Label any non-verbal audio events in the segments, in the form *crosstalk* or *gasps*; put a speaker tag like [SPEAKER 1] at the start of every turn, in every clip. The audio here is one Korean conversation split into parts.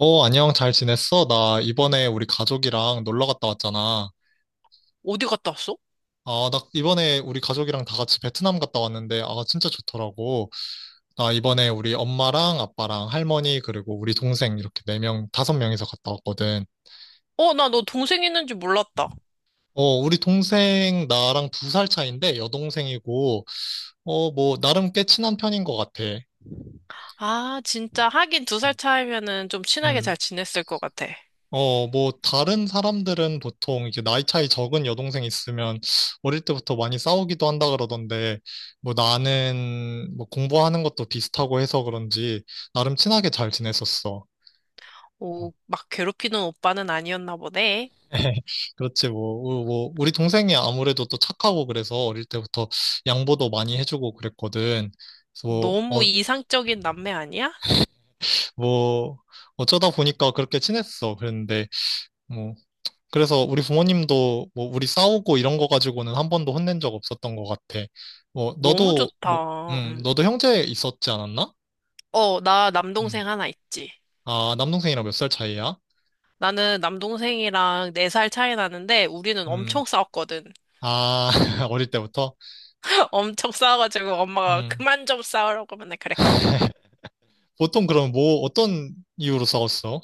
[SPEAKER 1] 어, 안녕, 잘 지냈어? 나 이번에 우리 가족이랑 놀러 갔다 왔잖아.
[SPEAKER 2] 어디 갔다 왔어?
[SPEAKER 1] 아, 나 이번에 우리 가족이랑 다 같이 베트남 갔다 왔는데, 아, 진짜 좋더라고. 나 이번에 우리 엄마랑 아빠랑 할머니, 그리고 우리 동생 이렇게 네명 다섯 명이서 갔다 왔거든.
[SPEAKER 2] 어, 나 너 동생 있는지 몰랐다.
[SPEAKER 1] 어, 우리 동생 나랑 두 살 차인데, 여동생이고, 어, 뭐, 나름 꽤 친한 편인 것 같아.
[SPEAKER 2] 아, 진짜 하긴 2살 차이면은 좀 친하게
[SPEAKER 1] 음.
[SPEAKER 2] 잘 지냈을 것 같아.
[SPEAKER 1] 어, 뭐, 다른 사람들은 보통 이제 나이 차이 적은 여동생 있으면 어릴 때부터 많이 싸우기도 한다 그러던데, 뭐 나는 뭐 공부하는 것도 비슷하고 해서 그런지 나름 친하게 잘 지냈었어.
[SPEAKER 2] 오, 막 괴롭히는 오빠는 아니었나 보네.
[SPEAKER 1] *laughs* 그렇지, 뭐, 우리 동생이 아무래도 또 착하고 그래서 어릴 때부터 양보도 많이 해주고 그랬거든. 그래서 뭐,
[SPEAKER 2] 너무
[SPEAKER 1] 어,
[SPEAKER 2] 이상적인 남매 아니야?
[SPEAKER 1] 뭐, 어쩌다 보니까 그렇게 친했어. 그랬는데, 뭐, 그래서 우리 부모님도 뭐 우리 싸우고 이런 거 가지고는 한 번도 혼낸 적 없었던 것 같아. 뭐
[SPEAKER 2] 너무
[SPEAKER 1] 너도 뭐
[SPEAKER 2] 좋다. 음.
[SPEAKER 1] 너도 형제 있었지 않았나?
[SPEAKER 2] 어, 나
[SPEAKER 1] 음.
[SPEAKER 2] 남동생 하나 있지.
[SPEAKER 1] 아, 남동생이랑 몇 살 차이야?
[SPEAKER 2] 나는 남동생이랑 4살 차이 나는데 우리는
[SPEAKER 1] 음.
[SPEAKER 2] 엄청 싸웠거든.
[SPEAKER 1] 아, *laughs* 어릴 때부터?
[SPEAKER 2] *laughs* 엄청 싸워가지고 엄마가
[SPEAKER 1] 음.
[SPEAKER 2] 그만 좀 싸우라고 맨날 그랬거든.
[SPEAKER 1] *laughs* 보통 그럼 뭐 어떤 이유로 싸웠어?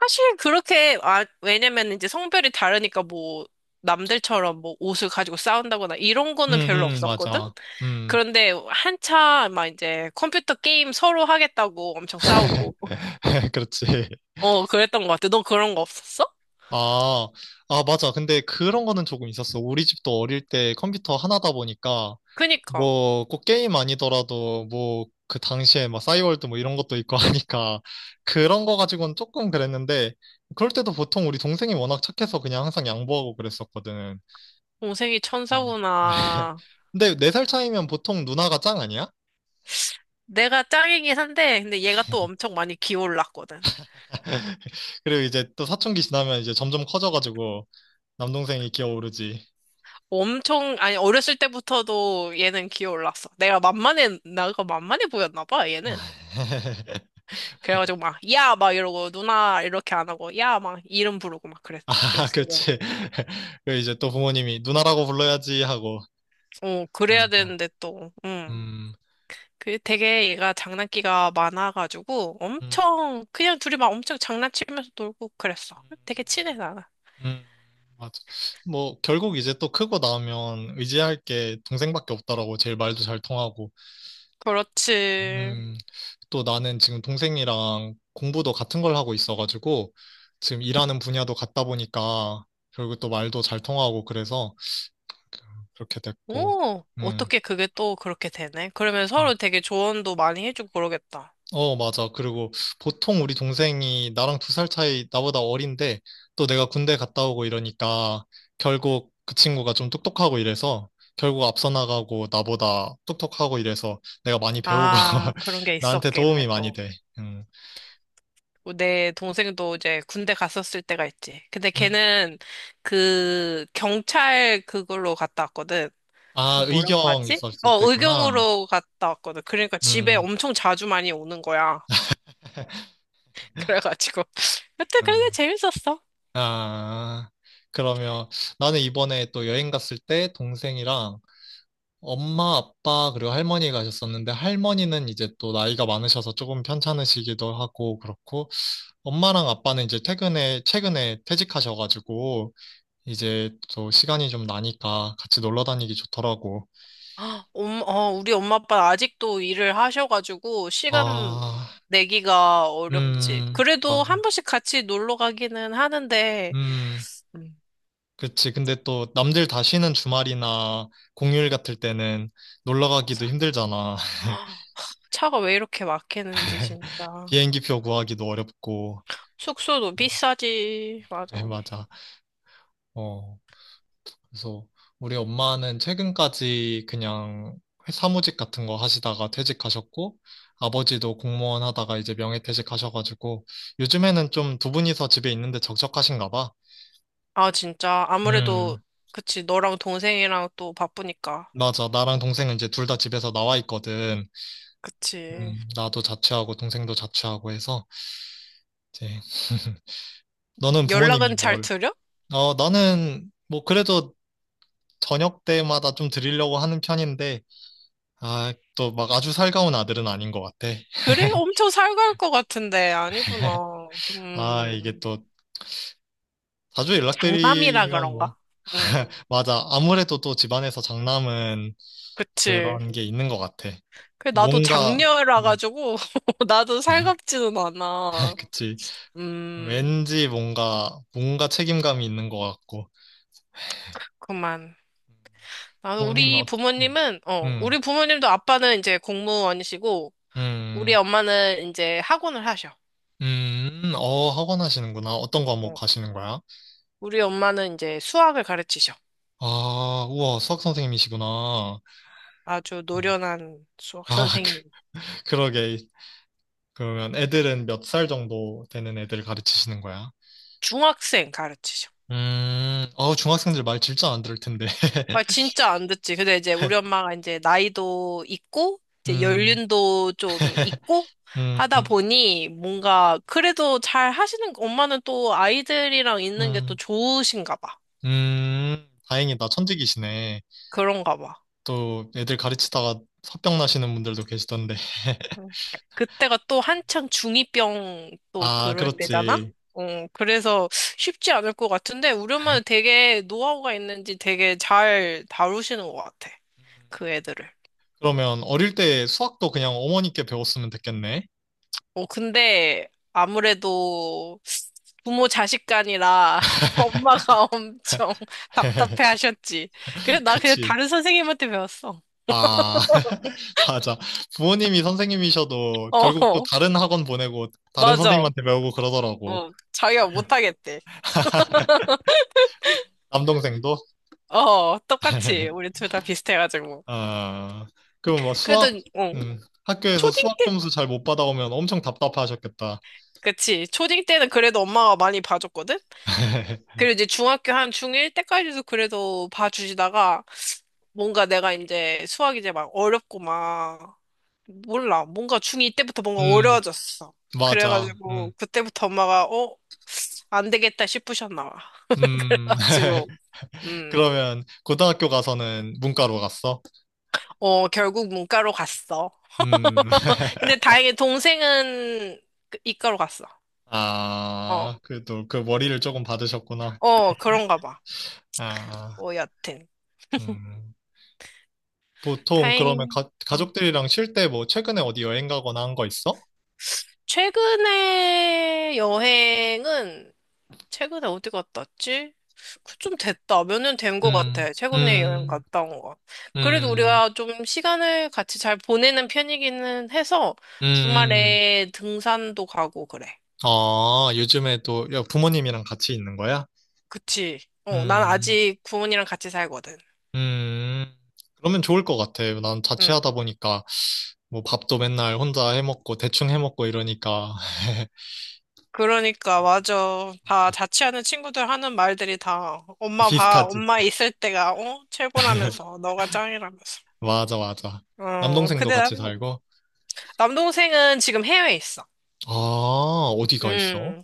[SPEAKER 2] 사실 그렇게 아 왜냐면 이제 성별이 다르니까 뭐 남들처럼 뭐 옷을 가지고 싸운다거나 이런 거는 별로
[SPEAKER 1] 음,
[SPEAKER 2] 없었거든.
[SPEAKER 1] 맞아. 음.
[SPEAKER 2] 그런데 한참 막 이제 컴퓨터 게임 서로 하겠다고 엄청 싸우고
[SPEAKER 1] *laughs* 그렇지.
[SPEAKER 2] 그랬던 것 같아. 너 그런 거 없었어?
[SPEAKER 1] 아, 아, 맞아. 근데 그런 거는 조금 있었어. 우리 집도 어릴 때 컴퓨터 하나다 보니까,
[SPEAKER 2] 그니까
[SPEAKER 1] 뭐, 꼭 게임 아니더라도, 뭐, 그 당시에 막 싸이월드 뭐 이런 것도 있고 *laughs* 하니까, 그런 거 가지고는 조금 그랬는데, 그럴 때도 보통 우리 동생이 워낙 착해서 그냥 항상 양보하고 그랬었거든.
[SPEAKER 2] 동생이
[SPEAKER 1] 음. *laughs*
[SPEAKER 2] 천사구나.
[SPEAKER 1] 근데 네 살 차이면 보통 누나가 짱 아니야?
[SPEAKER 2] 내가 짱이긴 한데 근데 얘가 또 엄청 많이 기어올랐거든.
[SPEAKER 1] *laughs* 그리고 이제 또 사춘기 지나면 이제 점점 커져가지고, 남동생이 기어오르지.
[SPEAKER 2] 엄청 아니 어렸을 때부터도 얘는 기어올랐어. 내가 만만해 나가 만만해 보였나 봐 얘는.
[SPEAKER 1] *laughs*
[SPEAKER 2] 그래가지고 막, 야! 막 이러고, 누나! 이렇게 안 하고, 야! 막 이름 부르고 막 그랬,
[SPEAKER 1] 아, *laughs*
[SPEAKER 2] 그랬어. 그래.
[SPEAKER 1] 그치. *laughs* 그 이제 또 부모님이 누나라고 불러야지 하고.
[SPEAKER 2] 어, 그래야
[SPEAKER 1] 맞아.
[SPEAKER 2] 되는데 또,
[SPEAKER 1] 음,
[SPEAKER 2] 그 되게 얘가 장난기가 많아가지고,
[SPEAKER 1] 음,
[SPEAKER 2] 엄청, 그냥 둘이 막 엄청 장난치면서 놀고 그랬어.
[SPEAKER 1] 음,
[SPEAKER 2] 되게 친해, 나는.
[SPEAKER 1] 음. 맞아. 뭐, 결국 이제 또 크고 나면 의지할 게 동생밖에 없더라고. 제일 말도 잘 통하고.
[SPEAKER 2] 그렇지.
[SPEAKER 1] 음, 또 나는 지금 동생이랑 공부도 같은 걸 하고 있어가지고, 지금 일하는 분야도 같다 보니까, 결국 또 말도 잘 통하고 그래서 그렇게 됐고,
[SPEAKER 2] 오,
[SPEAKER 1] 음.
[SPEAKER 2] 어떻게 그게 또 그렇게 되네? 그러면
[SPEAKER 1] 뭐
[SPEAKER 2] 서로 되게 조언도 많이 해주고 그러겠다.
[SPEAKER 1] 어, 맞아. 그리고 보통 우리 동생이 나랑 두 살 차이 나보다 어린데 또 내가 군대 갔다 오고 이러니까 결국 그 친구가 좀 똑똑하고 이래서 결국 앞서 나가고 나보다 똑똑하고 이래서 내가 많이 배우고
[SPEAKER 2] 아,
[SPEAKER 1] *laughs*
[SPEAKER 2] 그런 게
[SPEAKER 1] 나한테
[SPEAKER 2] 있었겠네,
[SPEAKER 1] 도움이 많이
[SPEAKER 2] 또.
[SPEAKER 1] 돼. 음.
[SPEAKER 2] 뭐 내 동생도 이제 군대 갔었을 때가 있지. 근데
[SPEAKER 1] 음.
[SPEAKER 2] 걔는 그 경찰 그걸로 갔다 왔거든. 그
[SPEAKER 1] 아,
[SPEAKER 2] 뭐라고
[SPEAKER 1] 의경
[SPEAKER 2] 하지?
[SPEAKER 1] 있었을 때구나.
[SPEAKER 2] 의경으로 갔다 왔거든. 그러니까 집에
[SPEAKER 1] 음.
[SPEAKER 2] 엄청 자주 많이 오는 거야.
[SPEAKER 1] *laughs*
[SPEAKER 2] *laughs* 그래가지고. 여튼
[SPEAKER 1] 음.
[SPEAKER 2] 그게 재밌었어.
[SPEAKER 1] 아, 그러면 나는 이번에 또 여행 갔을 때 동생이랑
[SPEAKER 2] *gasps*
[SPEAKER 1] 엄마, 아빠, 그리고 할머니 가셨었는데, 할머니는 이제 또 나이가 많으셔서 조금 편찮으시기도 하고, 그렇고, 엄마랑 아빠는 이제 최근에 퇴직하셔가지고, 이제 또 시간이 좀 나니까 같이 놀러 다니기 좋더라고.
[SPEAKER 2] 헉, 우리 엄마 아빠 아직도 일을 하셔가지고 시간
[SPEAKER 1] 아,
[SPEAKER 2] 내기가 어렵지. 그래도 한
[SPEAKER 1] 맞아.
[SPEAKER 2] 번씩 같이 놀러 가기는 하는데,
[SPEAKER 1] 음,
[SPEAKER 2] 음,
[SPEAKER 1] 그치. 근데 또 남들 다 쉬는 주말이나 공휴일 같을 때는 놀러 가기도 힘들잖아.
[SPEAKER 2] 아, 차가 왜 이렇게 막히는지
[SPEAKER 1] *laughs*
[SPEAKER 2] 진짜.
[SPEAKER 1] 비행기표 구하기도 어렵고,
[SPEAKER 2] 숙소도 비싸지.
[SPEAKER 1] 네
[SPEAKER 2] 맞아.
[SPEAKER 1] 맞아. 어. 그래서 우리 엄마는 최근까지 그냥 사무직 같은 거 하시다가 퇴직하셨고, 아버지도 공무원 하다가 이제 명예퇴직하셔가지고, 요즘에는 좀 두 분이서 집에 있는데 적적하신가 봐.
[SPEAKER 2] 아, 진짜. 아무래도,
[SPEAKER 1] 음,
[SPEAKER 2] 그치. 너랑 동생이랑 또 바쁘니까.
[SPEAKER 1] 맞아. 나랑 동생은 이제 둘 다 집에서 나와 있거든.
[SPEAKER 2] 그치.
[SPEAKER 1] 나도 자취하고 동생도 자취하고 해서, 이제, *laughs* 너는 부모님이
[SPEAKER 2] 연락은 잘
[SPEAKER 1] 뭘?
[SPEAKER 2] 드려?
[SPEAKER 1] 어, 나는 뭐 그래도 저녁 때마다 좀 드리려고 하는 편인데, 아, 또 막 아주 살가운 아들은 아닌 것 같아.
[SPEAKER 2] 그래? 엄청 살갈 것 같은데. 아니구나.
[SPEAKER 1] 아, 이게 또 자주
[SPEAKER 2] 장남이라
[SPEAKER 1] 연락드리면
[SPEAKER 2] 그런가?
[SPEAKER 1] 뭐.
[SPEAKER 2] 음,
[SPEAKER 1] *laughs* 맞아. 아무래도 또 집안에서 장남은
[SPEAKER 2] 그치.
[SPEAKER 1] 그런 게 있는 것 같아.
[SPEAKER 2] 그 나도
[SPEAKER 1] 뭔가,
[SPEAKER 2] 장녀라
[SPEAKER 1] 음,
[SPEAKER 2] 가지고, *laughs* 나도 살갑지는
[SPEAKER 1] *laughs*
[SPEAKER 2] 않아.
[SPEAKER 1] 그치.
[SPEAKER 2] 음,
[SPEAKER 1] 왠지 뭔가, 뭔가 책임감이 있는 것 같고.
[SPEAKER 2] 그만. 아,
[SPEAKER 1] 부모님은, 어, 음,
[SPEAKER 2] 우리 부모님도 아빠는 이제 공무원이시고,
[SPEAKER 1] 음,
[SPEAKER 2] 우리
[SPEAKER 1] 음,
[SPEAKER 2] 엄마는 이제 학원을 하셔.
[SPEAKER 1] 어, 학원 하시는구나. 어떤
[SPEAKER 2] 어.
[SPEAKER 1] 과목 하시는 거야?
[SPEAKER 2] 우리 엄마는 이제 수학을 가르치셔.
[SPEAKER 1] 아, 우와, 수학 선생님이시구나.
[SPEAKER 2] 아주 노련한 수학
[SPEAKER 1] 아, *laughs*
[SPEAKER 2] 선생님.
[SPEAKER 1] 그, 그러게. 그러면 애들은 몇 살 정도 되는 애들 가르치시는 거야?
[SPEAKER 2] 중학생 가르치셔.
[SPEAKER 1] 어, 중학생들 말 진짜 안 들을 텐데.
[SPEAKER 2] 아,
[SPEAKER 1] *laughs*
[SPEAKER 2] 진짜 안 듣지. 근데 이제 우리 엄마가 이제 나이도 있고, 이제
[SPEAKER 1] 음,
[SPEAKER 2] 연륜도 좀 있고,
[SPEAKER 1] 음,
[SPEAKER 2] 하다
[SPEAKER 1] 음,
[SPEAKER 2] 보니 뭔가 그래도 잘 하시는, 엄마는 또 아이들이랑 있는 게 또
[SPEAKER 1] 음,
[SPEAKER 2] 좋으신가 봐.
[SPEAKER 1] 다행이다. 천직이시네.
[SPEAKER 2] 그런가 봐.
[SPEAKER 1] 또 애들 가르치다가 화병 나시는 분들도 계시던데. *laughs*
[SPEAKER 2] 응. 그때가 또 한창 중이병 또
[SPEAKER 1] 아,
[SPEAKER 2] 그럴 때잖아?
[SPEAKER 1] 그렇지.
[SPEAKER 2] 그래서 쉽지 않을 것 같은데, 우리 엄마는 되게 노하우가 있는지 되게 잘 다루시는 것 같아. 그
[SPEAKER 1] 음,
[SPEAKER 2] 애들을.
[SPEAKER 1] 그러면 어릴 때 수학도 그냥 어머니께 배웠으면 됐겠네.
[SPEAKER 2] 근데 아무래도 부모 자식 간이라 *laughs* 엄마가 엄청 *laughs* 답답해
[SPEAKER 1] *laughs*
[SPEAKER 2] 하셨지. 그래, 나 그냥
[SPEAKER 1] 그치.
[SPEAKER 2] 다른 선생님한테 배웠어.
[SPEAKER 1] 아, *laughs* 맞아. 부모님이 선생님이셔도 결국 또
[SPEAKER 2] 어,
[SPEAKER 1] 다른 학원 보내고 다른
[SPEAKER 2] 맞아.
[SPEAKER 1] 선생님한테 배우고 그러더라고.
[SPEAKER 2] 어, 자기가 못하겠대.
[SPEAKER 1] *laughs* 남동생도.
[SPEAKER 2] 어, 똑같이.
[SPEAKER 1] *laughs*
[SPEAKER 2] 우리 둘 다 비슷해가지고.
[SPEAKER 1] 아, 그럼 뭐
[SPEAKER 2] 그래도,
[SPEAKER 1] 수학,
[SPEAKER 2] 어.
[SPEAKER 1] 학교에서
[SPEAKER 2] 초딩
[SPEAKER 1] 수학
[SPEAKER 2] 때,
[SPEAKER 1] 점수 잘 못 받아오면 엄청 답답하셨겠다.
[SPEAKER 2] 그치. 초딩 때는 그래도 엄마가 많이 봐줬거든?
[SPEAKER 1] *laughs*
[SPEAKER 2] 그리고 이제 중학교 한 중1 때까지도 그래도 봐주시다가 뭔가 내가 이제 수학 이제 막 어렵고 막 몰라. 뭔가 중2 때부터 뭔가
[SPEAKER 1] 음,
[SPEAKER 2] 어려워졌어.
[SPEAKER 1] 맞아.
[SPEAKER 2] 그래가지고 그때부터 엄마가 어? 안 되겠다 싶으셨나 봐.
[SPEAKER 1] 음.
[SPEAKER 2] *laughs* 지금.
[SPEAKER 1] *laughs*
[SPEAKER 2] 음.
[SPEAKER 1] 그러면 고등학교 가서는 문과로 갔어?
[SPEAKER 2] 어, 결국 문과로 갔어.
[SPEAKER 1] 음,
[SPEAKER 2] 근데
[SPEAKER 1] *laughs*
[SPEAKER 2] 다행히 동생은 그 이과로 갔어. 어.
[SPEAKER 1] 아, 그래도 그 머리를 조금 받으셨구나.
[SPEAKER 2] 어, 그런가 봐.
[SPEAKER 1] 아,
[SPEAKER 2] 뭐 여튼.
[SPEAKER 1] 음. 보통 그러면
[SPEAKER 2] 다행히. 어
[SPEAKER 1] 가족들이랑 쉴 때 뭐 최근에 어디 여행 가거나 한 거 있어?
[SPEAKER 2] 최근에 여행은 최근에 어디 갔다 왔지? 그 좀 됐다. 몇 년 된 것
[SPEAKER 1] 음,
[SPEAKER 2] 같아. 최근에 여행
[SPEAKER 1] 음,
[SPEAKER 2] 갔다 온 거. 그래도
[SPEAKER 1] 음,
[SPEAKER 2] 우리가 좀 시간을 같이 잘 보내는 편이기는 해서
[SPEAKER 1] 음.
[SPEAKER 2] 주말에 등산도 가고 그래.
[SPEAKER 1] 아, 요즘에 또 야, 부모님이랑 같이 있는 거야?
[SPEAKER 2] 그치? 어, 난
[SPEAKER 1] 음.
[SPEAKER 2] 아직 부모님이랑 같이 살거든.
[SPEAKER 1] 음, 음, 그러면 좋을 것 같아. 난
[SPEAKER 2] 응.
[SPEAKER 1] 자취하다 보니까 뭐 밥도 맨날 혼자 해 먹고 대충 해 먹고 이러니까 *laughs*
[SPEAKER 2] 그러니까
[SPEAKER 1] 음,
[SPEAKER 2] 맞아. 다
[SPEAKER 1] 맞아.
[SPEAKER 2] 자취하는 친구들 하는 말들이 다 엄마 봐,
[SPEAKER 1] 비슷하지?
[SPEAKER 2] 엄마 있을 때가 어? 최고라면서
[SPEAKER 1] *laughs*
[SPEAKER 2] 너가 짱이라면서.
[SPEAKER 1] 맞아, 맞아.
[SPEAKER 2] 어,
[SPEAKER 1] 남동생도
[SPEAKER 2] 근데
[SPEAKER 1] 같이
[SPEAKER 2] 난
[SPEAKER 1] 살고.
[SPEAKER 2] 남동생은 지금 해외에 있어.
[SPEAKER 1] 아, 어디가 있어?
[SPEAKER 2] 음,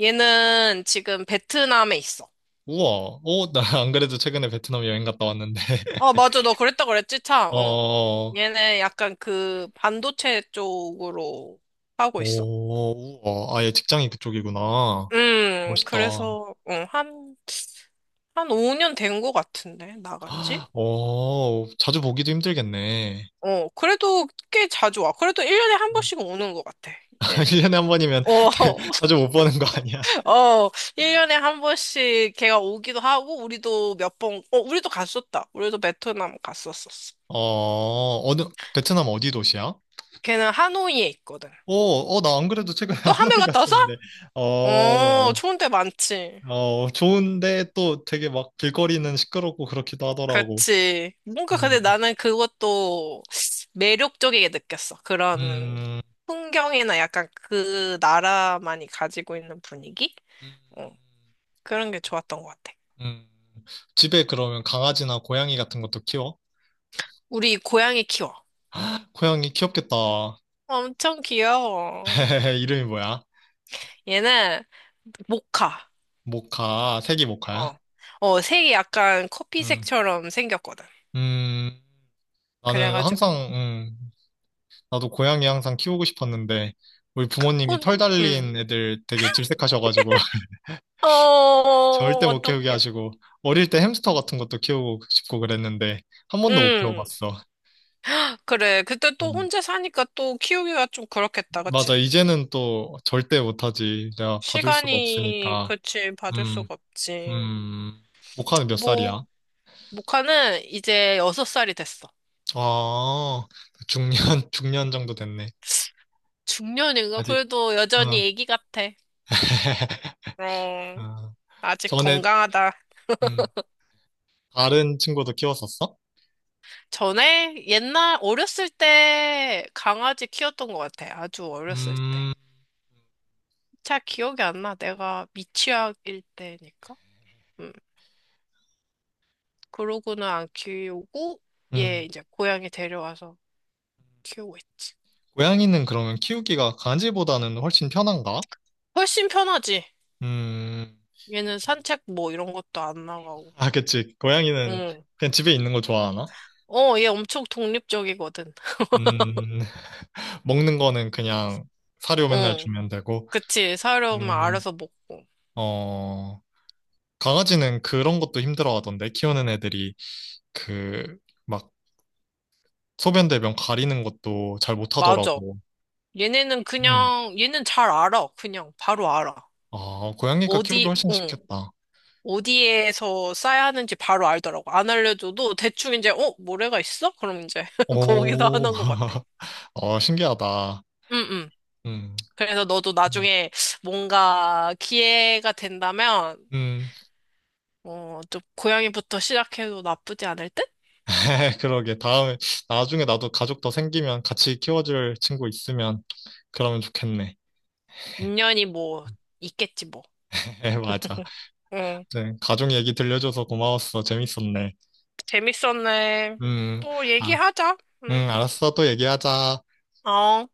[SPEAKER 2] 얘는 지금 베트남에 있어.
[SPEAKER 1] 우와, 어, 나 안 그래도 최근에 베트남 여행 갔다 왔는데.
[SPEAKER 2] 어,
[SPEAKER 1] *laughs*
[SPEAKER 2] 맞아. 너 그랬다 그랬지, 참. 어.
[SPEAKER 1] 어,
[SPEAKER 2] 얘는 약간 그 반도체 쪽으로 하고 있어.
[SPEAKER 1] 오, 우와, 아예 직장이 그쪽이구나. 멋있다.
[SPEAKER 2] 그래서, 한 5년 된 것 같은데, 나간 지?
[SPEAKER 1] 아, 어, 자주 보기도 힘들겠네.
[SPEAKER 2] 어, 그래도 꽤 자주 와. 그래도 1년에 한
[SPEAKER 1] 음.
[SPEAKER 2] 번씩은 오는 것 같아,
[SPEAKER 1] *laughs*
[SPEAKER 2] 이제.
[SPEAKER 1] 1년에 한 번이면
[SPEAKER 2] 어,
[SPEAKER 1] *laughs*
[SPEAKER 2] *laughs*
[SPEAKER 1] 자주 못 보는 거 아니야?
[SPEAKER 2] 어, 1년에 한 번씩 걔가 오기도 하고, 우리도 몇 번, 우리도 갔었다. 우리도 베트남 갔었었어.
[SPEAKER 1] 어, 어느, 베트남 어디 도시야?
[SPEAKER 2] 걔는 하노이에 있거든.
[SPEAKER 1] 어, 어, 나 안 그래도 최근에 *laughs*
[SPEAKER 2] 너 하노이
[SPEAKER 1] 하노이
[SPEAKER 2] 갔다 왔어?
[SPEAKER 1] 갔었는데,
[SPEAKER 2] 어,
[SPEAKER 1] 어,
[SPEAKER 2] 좋은 데 많지.
[SPEAKER 1] 어, 좋은데 또 되게 막 길거리는 시끄럽고 그렇기도 하더라고.
[SPEAKER 2] 그렇지. 뭔가 근데
[SPEAKER 1] 음,
[SPEAKER 2] 나는 그것도 매력적이게 느꼈어. 그런
[SPEAKER 1] 음,
[SPEAKER 2] 풍경이나 약간 그 나라만이 가지고 있는 분위기?
[SPEAKER 1] 음,
[SPEAKER 2] 어, 그런 게 좋았던 것 같아.
[SPEAKER 1] 음. 집에 그러면 강아지나 고양이 같은 것도 키워?
[SPEAKER 2] 우리 고양이 키워.
[SPEAKER 1] *gasps* *laughs* 고양이 귀엽겠다.
[SPEAKER 2] 엄청 귀여워.
[SPEAKER 1] *laughs* 이름이 뭐야?
[SPEAKER 2] 얘는 모카.
[SPEAKER 1] 모카, 색이 모카야?
[SPEAKER 2] 어, 색이 약간
[SPEAKER 1] 음.
[SPEAKER 2] 커피색처럼 생겼거든.
[SPEAKER 1] 음, 나는
[SPEAKER 2] 그래가지고,
[SPEAKER 1] 항상, 나도 고양이 항상 키우고 싶었는데, 우리 부모님이
[SPEAKER 2] 혼,
[SPEAKER 1] 털
[SPEAKER 2] 음.
[SPEAKER 1] 달린 애들 되게 질색하셔가지고, *laughs*
[SPEAKER 2] 어,
[SPEAKER 1] 절대 못 키우게
[SPEAKER 2] 어떡해.
[SPEAKER 1] 하시고, 어릴 때 햄스터 같은 것도 키우고 싶고 그랬는데, 한 번도 못
[SPEAKER 2] 응.
[SPEAKER 1] 키워봤어.
[SPEAKER 2] 그래. 그때 또
[SPEAKER 1] 음,
[SPEAKER 2] 혼자 사니까 또 키우기가 좀 그렇겠다.
[SPEAKER 1] 맞아.
[SPEAKER 2] 그치?
[SPEAKER 1] 이제는 또 절대 못하지. 내가 봐줄 수가
[SPEAKER 2] 시간이,
[SPEAKER 1] 없으니까.
[SPEAKER 2] 그치, 봐줄
[SPEAKER 1] 음,
[SPEAKER 2] 수가 없지.
[SPEAKER 1] 음, 모카는 몇
[SPEAKER 2] 뭐,
[SPEAKER 1] 살이야?
[SPEAKER 2] 모카는 이제 여섯 살이 됐어.
[SPEAKER 1] 아, 중년, *laughs* 중년 정도 됐네.
[SPEAKER 2] 중년인가?
[SPEAKER 1] 아직,
[SPEAKER 2] 그래도 여전히
[SPEAKER 1] 응.
[SPEAKER 2] 애기 같아.
[SPEAKER 1] *laughs*
[SPEAKER 2] 어,
[SPEAKER 1] 아,
[SPEAKER 2] 아직
[SPEAKER 1] 전에,
[SPEAKER 2] 건강하다.
[SPEAKER 1] 음. 다른 친구도 키웠었어?
[SPEAKER 2] 전에 옛날 어렸을 때 강아지 키웠던 것 같아. 아주 어렸을 때.
[SPEAKER 1] 음,
[SPEAKER 2] 잘 기억이 안 나. 내가 미취학일 때니까. 음. 그러고는 안 키우고 얘
[SPEAKER 1] 음.
[SPEAKER 2] 이제 고양이 데려와서 키우고 있지.
[SPEAKER 1] 고양이는 그러면 키우기가 강아지보다는 훨씬 편한가?
[SPEAKER 2] 훨씬 편하지.
[SPEAKER 1] 음,
[SPEAKER 2] 얘는 산책 뭐 이런 것도 안 나가고.
[SPEAKER 1] 아, 그치. 고양이는
[SPEAKER 2] 응.
[SPEAKER 1] 그냥 집에 있는 거 좋아하나?
[SPEAKER 2] 어, 얘 엄청 독립적이거든.
[SPEAKER 1] 음, *laughs* 먹는 거는 그냥 사료 맨날
[SPEAKER 2] 응.
[SPEAKER 1] 주면 되고,
[SPEAKER 2] 그치. 사려면
[SPEAKER 1] 음,
[SPEAKER 2] 알아서 먹고.
[SPEAKER 1] 어, 강아지는 그런 것도 힘들어하던데, 키우는 애들이 그, 막, 소변 대변 가리는 것도 잘
[SPEAKER 2] 맞아.
[SPEAKER 1] 못하더라고.
[SPEAKER 2] 얘네는
[SPEAKER 1] 음,
[SPEAKER 2] 그냥, 얘는 잘 알아. 그냥 바로 알아.
[SPEAKER 1] 아, 고양이가 키우기 훨씬
[SPEAKER 2] 응.
[SPEAKER 1] 쉽겠다.
[SPEAKER 2] 어디에서 싸야 하는지 바로 알더라고. 안 알려줘도 대충 이제, 모래가 있어? 그럼 이제 *laughs* 거기서
[SPEAKER 1] 오,
[SPEAKER 2] 하는
[SPEAKER 1] *laughs*
[SPEAKER 2] 것 같아.
[SPEAKER 1] 어, 신기하다.
[SPEAKER 2] 응, 응.
[SPEAKER 1] 음,
[SPEAKER 2] 그래서 너도
[SPEAKER 1] 음,
[SPEAKER 2] 나중에 뭔가 기회가 된다면,
[SPEAKER 1] 음.
[SPEAKER 2] 좀 고양이부터 시작해도 나쁘지 않을 듯?
[SPEAKER 1] *laughs* 그러게. 다음에, 나중에 나도 가족 더 생기면 같이 키워줄 친구 있으면 그러면 좋겠네.
[SPEAKER 2] 인연이 뭐 있겠지 뭐.
[SPEAKER 1] *laughs* 맞아.
[SPEAKER 2] 응.
[SPEAKER 1] 네, 가족 얘기 들려줘서 고마웠어. 재밌었네.
[SPEAKER 2] 재밌었네.
[SPEAKER 1] 음,
[SPEAKER 2] 또
[SPEAKER 1] 아,
[SPEAKER 2] 얘기하자. 응.
[SPEAKER 1] 알았어. 또 얘기하자.
[SPEAKER 2] 어.